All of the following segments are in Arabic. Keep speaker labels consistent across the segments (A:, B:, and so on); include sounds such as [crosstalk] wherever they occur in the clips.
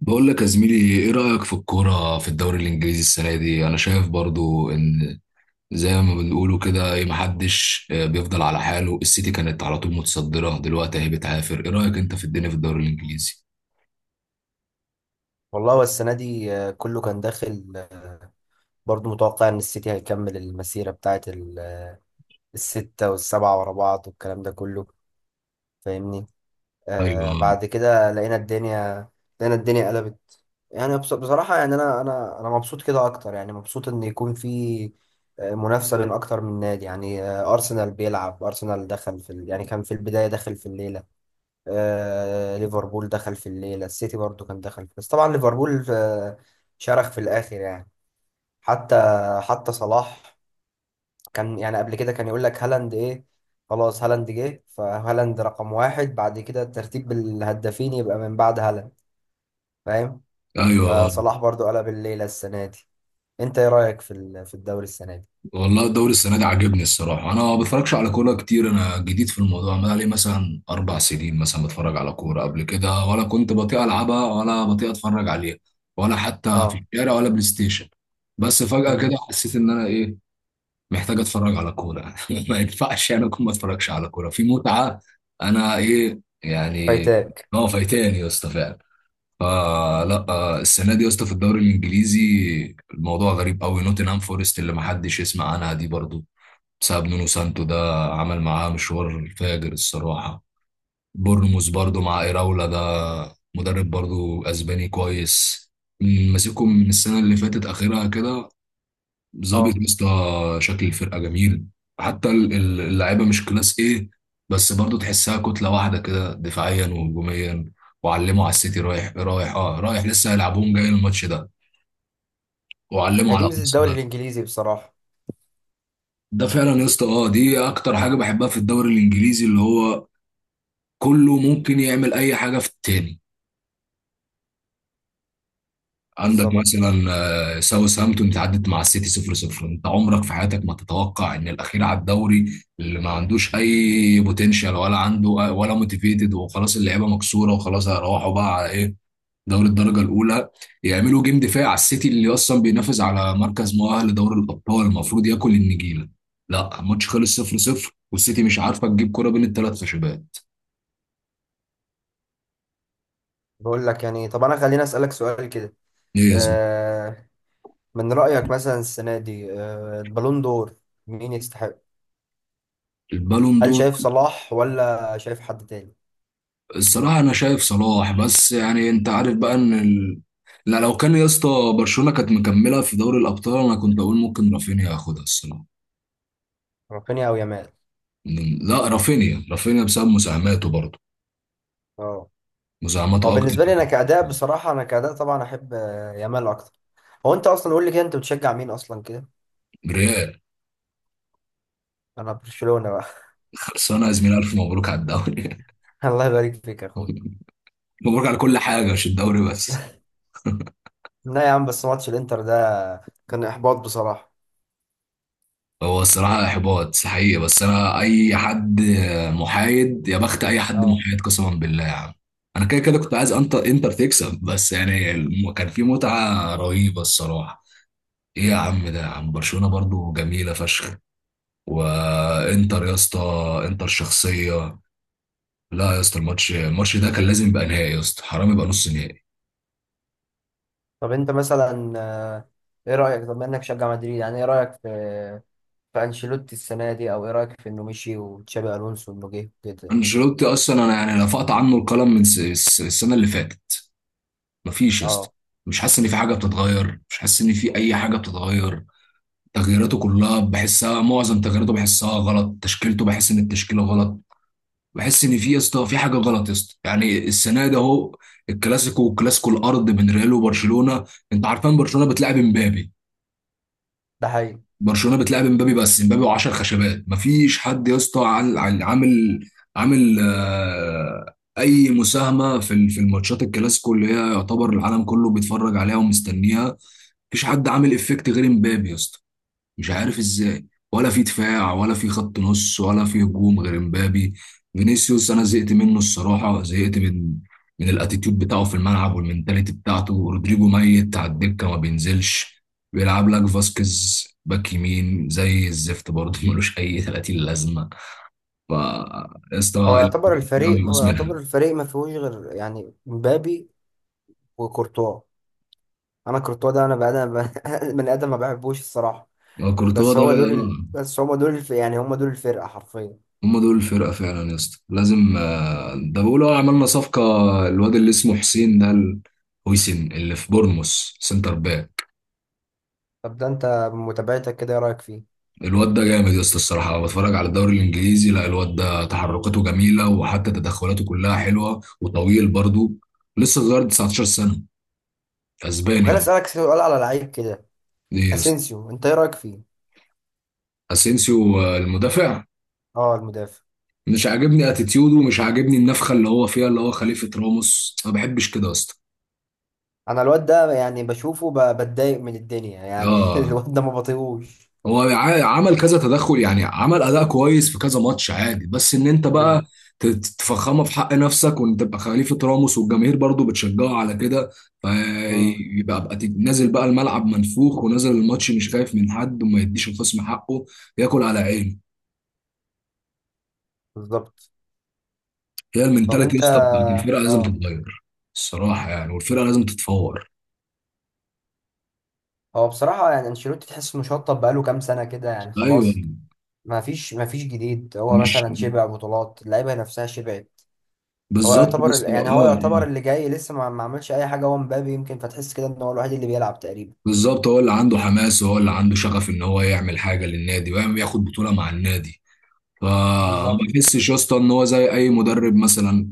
A: بقول لك يا زميلي، ايه رأيك في الكورة في الدوري الانجليزي السنة دي؟ انا شايف برضو ان زي ما بنقولوا كده ايه، محدش بيفضل على حاله. السيتي كانت على طول متصدرة، دلوقتي اهي بتعافر. ايه رأيك انت في الدنيا في الدوري الانجليزي؟
B: والله هو السنة دي كله كان داخل برضو متوقع إن السيتي هيكمل المسيرة بتاعت الستة والسبعة ورا بعض والكلام ده كله فاهمني.
A: ايوه،
B: بعد كده لقينا الدنيا، لقينا الدنيا قلبت. يعني بصراحة يعني أنا مبسوط كده أكتر، يعني مبسوط إن يكون في منافسة بين أكتر من نادي. يعني أرسنال بيلعب، أرسنال دخل في ال... يعني كان في البداية داخل في الليلة، ليفربول دخل في الليلة، السيتي برضو كان دخل، بس طبعا ليفربول شرخ في الآخر يعني. حتى حتى صلاح كان يعني قبل كده كان يقول لك هالاند إيه، خلاص هالاند جه، فهالاند رقم واحد، بعد كده ترتيب الهدافين يبقى من بعد هالاند، فاهم.
A: ايوه.
B: فصلاح برضو قلب الليلة السنة دي. أنت إيه رأيك في في الدوري السنة دي؟
A: والله الدوري السنة دي عاجبني الصراحة. انا ما بتفرجش على كورة كتير، انا جديد في الموضوع. انا لي مثلا 4 سنين مثلا بتفرج على كورة. قبل كده ولا كنت بطيء العبها ولا بطيء اتفرج عليها، ولا حتى في
B: اه.
A: الشارع ولا بلاي ستيشن. بس فجأة
B: امم.
A: كده حسيت ان انا ايه، محتاج اتفرج على كوره [laughs] ما ينفعش يعني اكون ما اتفرجش على كوره في متعه. انا ايه يعني؟
B: فايتاك.
A: ما هو فايتاني يا اسطى فعلا. فلا السنه دي يا اسطى في الدوري الانجليزي الموضوع غريب قوي. نوتنهام فورست اللي ما حدش يسمع عنها دي برضو، بسبب نونو سانتو ده، عمل معاه مشوار فاجر الصراحه. بورنموث برضو مع ايراولا ده، مدرب برضو اسباني كويس، ماسكهم من السنه اللي فاتت اخرها كده. ظابط
B: اه،
A: يا اسطى. شكل الفرقه جميل. حتى اللعيبه مش كلاس ايه، بس برضو تحسها كتله واحده كده دفاعيا وهجوميا. وعلموا على السيتي، رايح رايح اه رايح لسه هيلعبوهم جاي الماتش ده، وعلموا
B: هي دي
A: على
B: ميزة الدوري
A: ارسنال.
B: الإنجليزي بصراحة.
A: ده فعلا يا اسطى، اه دي اكتر حاجه بحبها في الدوري الانجليزي، اللي هو كله ممكن يعمل اي حاجه في التاني. عندك
B: بالظبط.
A: مثلا ساوثهامبتون تعدت مع السيتي 0-0. انت عمرك في حياتك ما تتوقع ان الاخير على الدوري اللي ما عندوش اي بوتنشال ولا عنده ولا موتيفيتد وخلاص اللعيبه مكسوره وخلاص هيروحوا بقى على ايه، دوري الدرجه الاولى، يعملوا جيم دفاعي على السيتي اللي اصلا بينافس على مركز مؤهل لدوري الابطال المفروض ياكل النجيله. لا الماتش خلص 0-0 والسيتي مش عارفه تجيب كره بين الثلاث خشبات.
B: بقول لك يعني، طب أنا خليني أسألك سؤال كده،
A: ايه يا زلمه؟
B: آه، من رأيك مثلا السنة دي البالون دور مين يستحق؟
A: البالون
B: هل
A: دور.
B: شايف صلاح ولا شايف حد تاني؟
A: الصراحة أنا شايف صلاح، بس يعني أنت عارف بقى إن ال... لا لو كان يا اسطى، برشلونة كانت مكملة في دوري الأبطال أنا كنت أقول ممكن رافينيا ياخدها الصراحة.
B: رافينيا أو يامال؟
A: لا، رافينيا. رافينيا بسبب مساهماته برضه،
B: اه. هو
A: مساهماته أكتر.
B: بالنسبة لي أنا كأداء، بصراحة أنا كأداء طبعا أحب يامال أكتر. هو أنت أصلا قول لي كده، أنت بتشجع مين أصلا كده؟
A: ريال.
B: أنا برشلونة بقى.
A: خلصانة يا زميلي، ألف مبروك على الدوري
B: [laughs] الله يبارك فيك يا أخويا.
A: [laughs] مبروك على كل حاجة، مش الدوري بس.
B: لا يا عم، بس ماتش الإنتر ده كان إحباط بصراحة.
A: هو الصراحة إحباط حقيقي، بس أنا أي حد محايد يا بخت، أي حد
B: اه.
A: محايد قسما بالله يا عم. أنا كده كده كنت عايز أنت إنتر تكسب، بس يعني كان في متعة رهيبة الصراحة. إيه يا عم ده يا عم، برشلونة برضو جميلة فشخ، وإنتر يا اسطى إنتر شخصية. لا يا اسطى الماتش ده كان لازم يبقى نهائي يا اسطى، حرام يبقى نص نهائي.
B: طب أنت مثلا إيه رأيك، طب إنك تشجع مدريد، يعني إيه رأيك في في أنشيلوتي السنة دي، أو إيه رأيك في إنه مشي وتشابي ألونسو إنه جه كده.
A: أنشيلوتي أصلا أنا يعني رفعت عنه القلم من السنة اللي فاتت. مفيش يا اسطى.
B: اه،
A: مش حاسس ان في حاجه بتتغير، مش حاسس ان في اي حاجه بتتغير. تغييراته كلها بحسها، معظم تغييراته بحسها غلط. تشكيلته بحس ان التشكيله غلط. بحس ان في يا اسطى في حاجه غلط يا اسطى. يعني السنه ده اهو الكلاسيكو، والكلاسيكو الارض بين ريال وبرشلونه. انت عارفان برشلونه بتلعب امبابي.
B: ده حقيقي.
A: برشلونه بتلعب امبابي، بس امبابي و10 خشبات. مفيش حد يا اسطى عامل، عامل اي مساهمه في في الماتشات الكلاسيكو اللي هي يعتبر العالم كله بيتفرج عليها ومستنيها. مفيش حد عامل افكت غير امبابي يا اسطى. مش عارف ازاي، ولا في دفاع ولا في خط نص ولا في هجوم غير امبابي. فينيسيوس انا زهقت منه الصراحه، زهقت من الاتيتيود بتاعه في الملعب والمنتاليتي بتاعته. رودريجو ميت على الدكه ما بينزلش. بيلعب لك فاسكيز باك يمين زي الزفت برضه، ملوش اي 30 لازمه. ف يا اسطى الكلام
B: هو
A: بيقوس
B: يعتبر
A: منها.
B: الفريق ما فيهوش غير يعني مبابي وكورتوا. انا كورتوا ده انا بقى انا [laughs] من ادم ما بحبوش الصراحه.
A: كورتوا
B: بس
A: ده،
B: هو دول ال... بس هم دول الف... يعني هم دول الفرقه حرفيا.
A: هم دول الفرقة فعلا يا اسطى. لازم ده بيقولوا عملنا صفقة. الواد اللي اسمه حسين ده هويسن اللي في بورنموث، سنتر باك.
B: طب ده انت متابعتك كده ايه رايك فيه؟
A: الواد ده جامد يا اسطى الصراحة. بتفرج على الدوري الإنجليزي، لا الواد ده تحركاته جميلة وحتى تدخلاته كلها حلوة وطويل برضو. لسه صغير 19 سنة،
B: طب
A: أسباني هو.
B: خليني اسالك سؤال على لعيب كده،
A: ايه يا اسطى؟
B: اسينسيو انت ايه رايك فيه؟
A: أسينسيو المدافع.
B: اه، المدافع.
A: مش عاجبني اتيتيوده، مش عاجبني النفخة اللي هو فيها اللي هو خليفة راموس، ما بحبش كده يا اسطى.
B: انا الواد ده يعني بشوفه بتضايق من الدنيا يعني [laughs]
A: اه
B: الواد ده ما بطيقوش.
A: هو عمل كذا تدخل، يعني عمل اداء كويس في كذا ماتش عادي. بس ان انت بقى
B: امم.
A: تفخمه في حق نفسك وان تبقى خليفه راموس والجماهير برضو بتشجعه على كده،
B: امم.
A: فيبقى بقى نازل بقى الملعب منفوخ ونازل الماتش مش خايف من حد، وما يديش الخصم حقه، ياكل على عينه.
B: بالظبط.
A: هي
B: طب
A: المنتاليتي يا
B: انت،
A: اسطى بتاعت الفرقه لازم
B: اه،
A: تتغير. الصراحه يعني والفرقه لازم تتفور.
B: هو بصراحة يعني انشيلوتي تحس انه شطب، بقاله كام سنة كده يعني،
A: ايوه،
B: خلاص ما فيش جديد. هو
A: مش
B: مثلا شبع بطولات، اللعيبة نفسها شبعت.
A: بالظبط بس
B: هو يعتبر
A: اه.
B: اللي جاي لسه ما عملش أي حاجة، هو مبابي يمكن، فتحس كده ان هو الوحيد اللي بيلعب تقريبا.
A: بالظبط، هو اللي عنده حماس وهو اللي عنده شغف ان هو يعمل حاجه للنادي ويعمل ياخد بطوله مع النادي. فما
B: بالظبط.
A: بحسش يا اسطى ان هو زي اي مدرب مثلا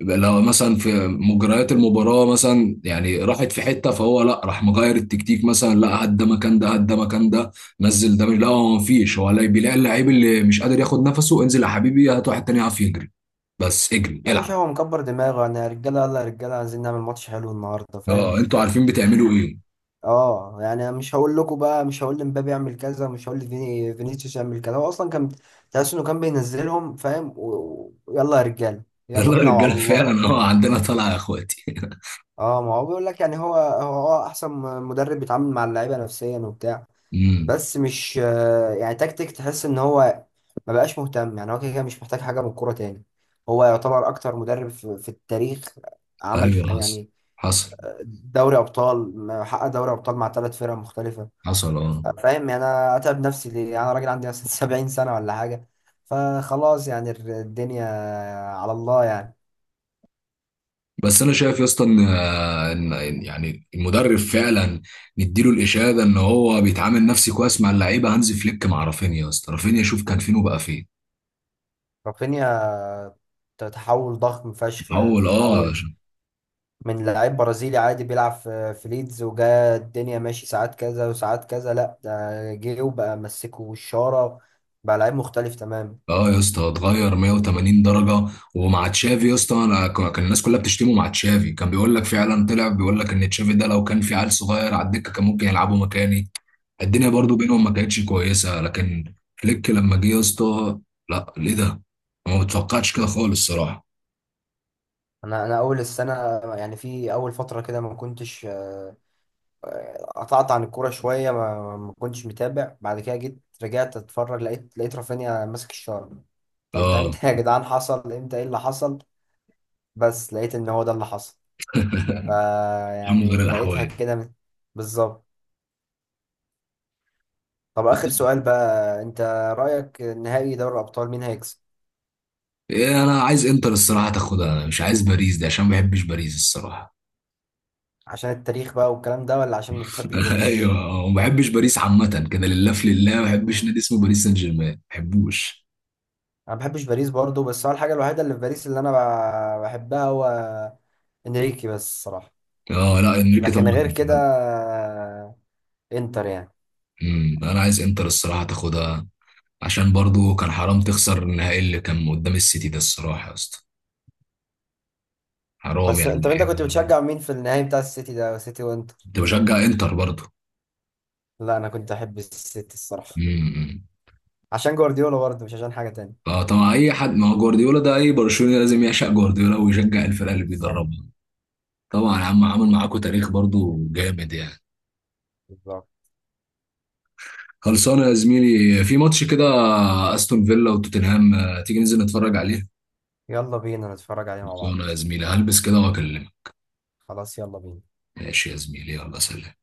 A: يبقى لو مثلا في مجريات المباراه مثلا يعني راحت في حته، فهو لا راح مغير التكتيك. مثلا لا هات ده مكان ده، هات ده مكان ده. نزل ده لا هو مفيش، هو لا بيلاقي اللعيب اللي مش قادر ياخد نفسه انزل يا حبيبي هات واحد تاني يعرف يجري. بس اجري
B: يا باشا
A: العب.
B: هو مكبر دماغه، انا يا رجالة، يلا يا رجالة عايزين نعمل ماتش حلو النهاردة، فاهم.
A: اه انتوا عارفين بتعملوا ايه.
B: اه، يعني أنا مش هقول لكم بقى، مش هقول لمبابي اعمل كذا، مش هقول فينيسيوس يعمل كذا، هو اصلا كان، تحس انه كان بينزلهم، فاهم، ويلا يا رجالة،
A: [laughs]
B: يلا
A: يلا يا
B: بينا وعلى
A: رجاله
B: الله.
A: فعلا، اه عندنا طلعه يا اخواتي [laughs]
B: اه، ما هو بيقول لك يعني، هو اه، احسن مدرب بيتعامل مع اللعيبه نفسيا وبتاع.
A: امم.
B: بس مش يعني تكتيك، تحس ان هو ما بقاش مهتم، يعني هو كده كده مش محتاج حاجه من الكوره تاني. هو يعتبر اكتر مدرب في, في التاريخ عمل
A: ايوه حصل،
B: يعني
A: حصل،
B: حقق دوري ابطال مع ثلاث فرق مختلفه.
A: حصل. اه
B: فاهم يعني انا اتعب نفسي ليه، يعني انا راجل عندي مثلا [laughs] 70 سنه ولا حاجه، فخلاص يعني الدنيا على الله يعني.
A: بس انا شايف يا اسطى ان إن يعني المدرب فعلا نديله الاشاده ان هو بيتعامل نفسي كويس مع اللعيبه. هانز فليك مع رافينيا يا اسطى، رافينيا شوف كان فين وبقى فين.
B: رافينيا، تحول ضخم فشخ، يعني
A: اول اه.
B: تحول من لعيب برازيلي عادي بيلعب في ليدز، وجا الدنيا ماشي ساعات كذا وساعات كذا، لا ده جه وبقى مسكه الشارة، بقى لعيب مختلف تماما.
A: اه يا اسطى اتغير 180 درجه. ومع تشافي يا اسطى انا كان الناس كلها بتشتمه مع تشافي، كان بيقول لك فعلا طلع بيقول لك ان تشافي ده لو كان في عيل صغير على الدكه كان ممكن يلعبه مكاني. الدنيا
B: مم.
A: برضو بينهم ما كانتش كويسه، لكن فليك لما جه يا اسطى، لا ليه ده؟ ما متوقعتش كده خالص الصراحه.
B: انا اول السنه يعني في اول فتره كده ما كنتش قطعت عن الكوره شويه، ما كنتش متابع، بعد كده جيت رجعت اتفرج، لقيت رافينيا ماسك الشارة. طب ده
A: اه.
B: امتى يا جدعان، حصل امتى، ايه اللي حصل؟ بس لقيت ان هو ده اللي حصل.
A: [laughs] من غير
B: فيعني لقيتها
A: الاحوال.
B: كده بالظبط. طب آخر سؤال بقى، أنت رأيك نهائي دوري الأبطال مين هيكسب؟
A: إيه انا عايز انتر الصراحه تاخدها، انا مش عايز باريس دي عشان ما بحبش باريس الصراحه.
B: عشان التاريخ بقى والكلام ده، ولا عشان ما بتحبش
A: [laughs]
B: باريس؟
A: ايوه وما بحبش باريس عامه كده، لله في لله ما بحبش
B: مم.
A: نادي اسمه باريس سان جيرمان، ما بحبوش.
B: أنا ما بحبش باريس برضه، بس هو الحاجة الوحيدة اللي في باريس اللي أنا بحبها هو إنريكي بس الصراحة.
A: اه لا، انريكي
B: لكن
A: طبعا.
B: غير كده، إنتر يعني.
A: أمم، انا عايز انتر الصراحه تاخدها عشان برضو كان حرام تخسر النهائي اللي كان قدام السيتي ده الصراحه يا اسطى، حرام
B: بس أنت
A: يعني.
B: أنت كنت بتشجع مين في النهائي بتاع السيتي ده، سيتي وإنتر؟
A: كنت بشجع انتر برضه.
B: لا أنا كنت أحب السيتي الصراحة،
A: امم.
B: عشان جوارديولا برضه، مش عشان حاجة تانية.
A: فطبعا اي حد، ما هو جوارديولا ده اي برشلوني لازم يعشق جوارديولا ويشجع الفرقه اللي
B: بالظبط.
A: بيدربها. طبعا يا عم عمل معاكم تاريخ برضه جامد يعني.
B: بالظبط.
A: خلصانه يا زميلي. في ماتش كده استون فيلا وتوتنهام، تيجي ننزل نتفرج عليه.
B: يلا بينا نتفرج عليه مع
A: خلصانه
B: بعض.
A: يا زميلي، هلبس كده واكلمك.
B: خلاص يلا بينا.
A: ماشي يا زميلي، يلا سلام.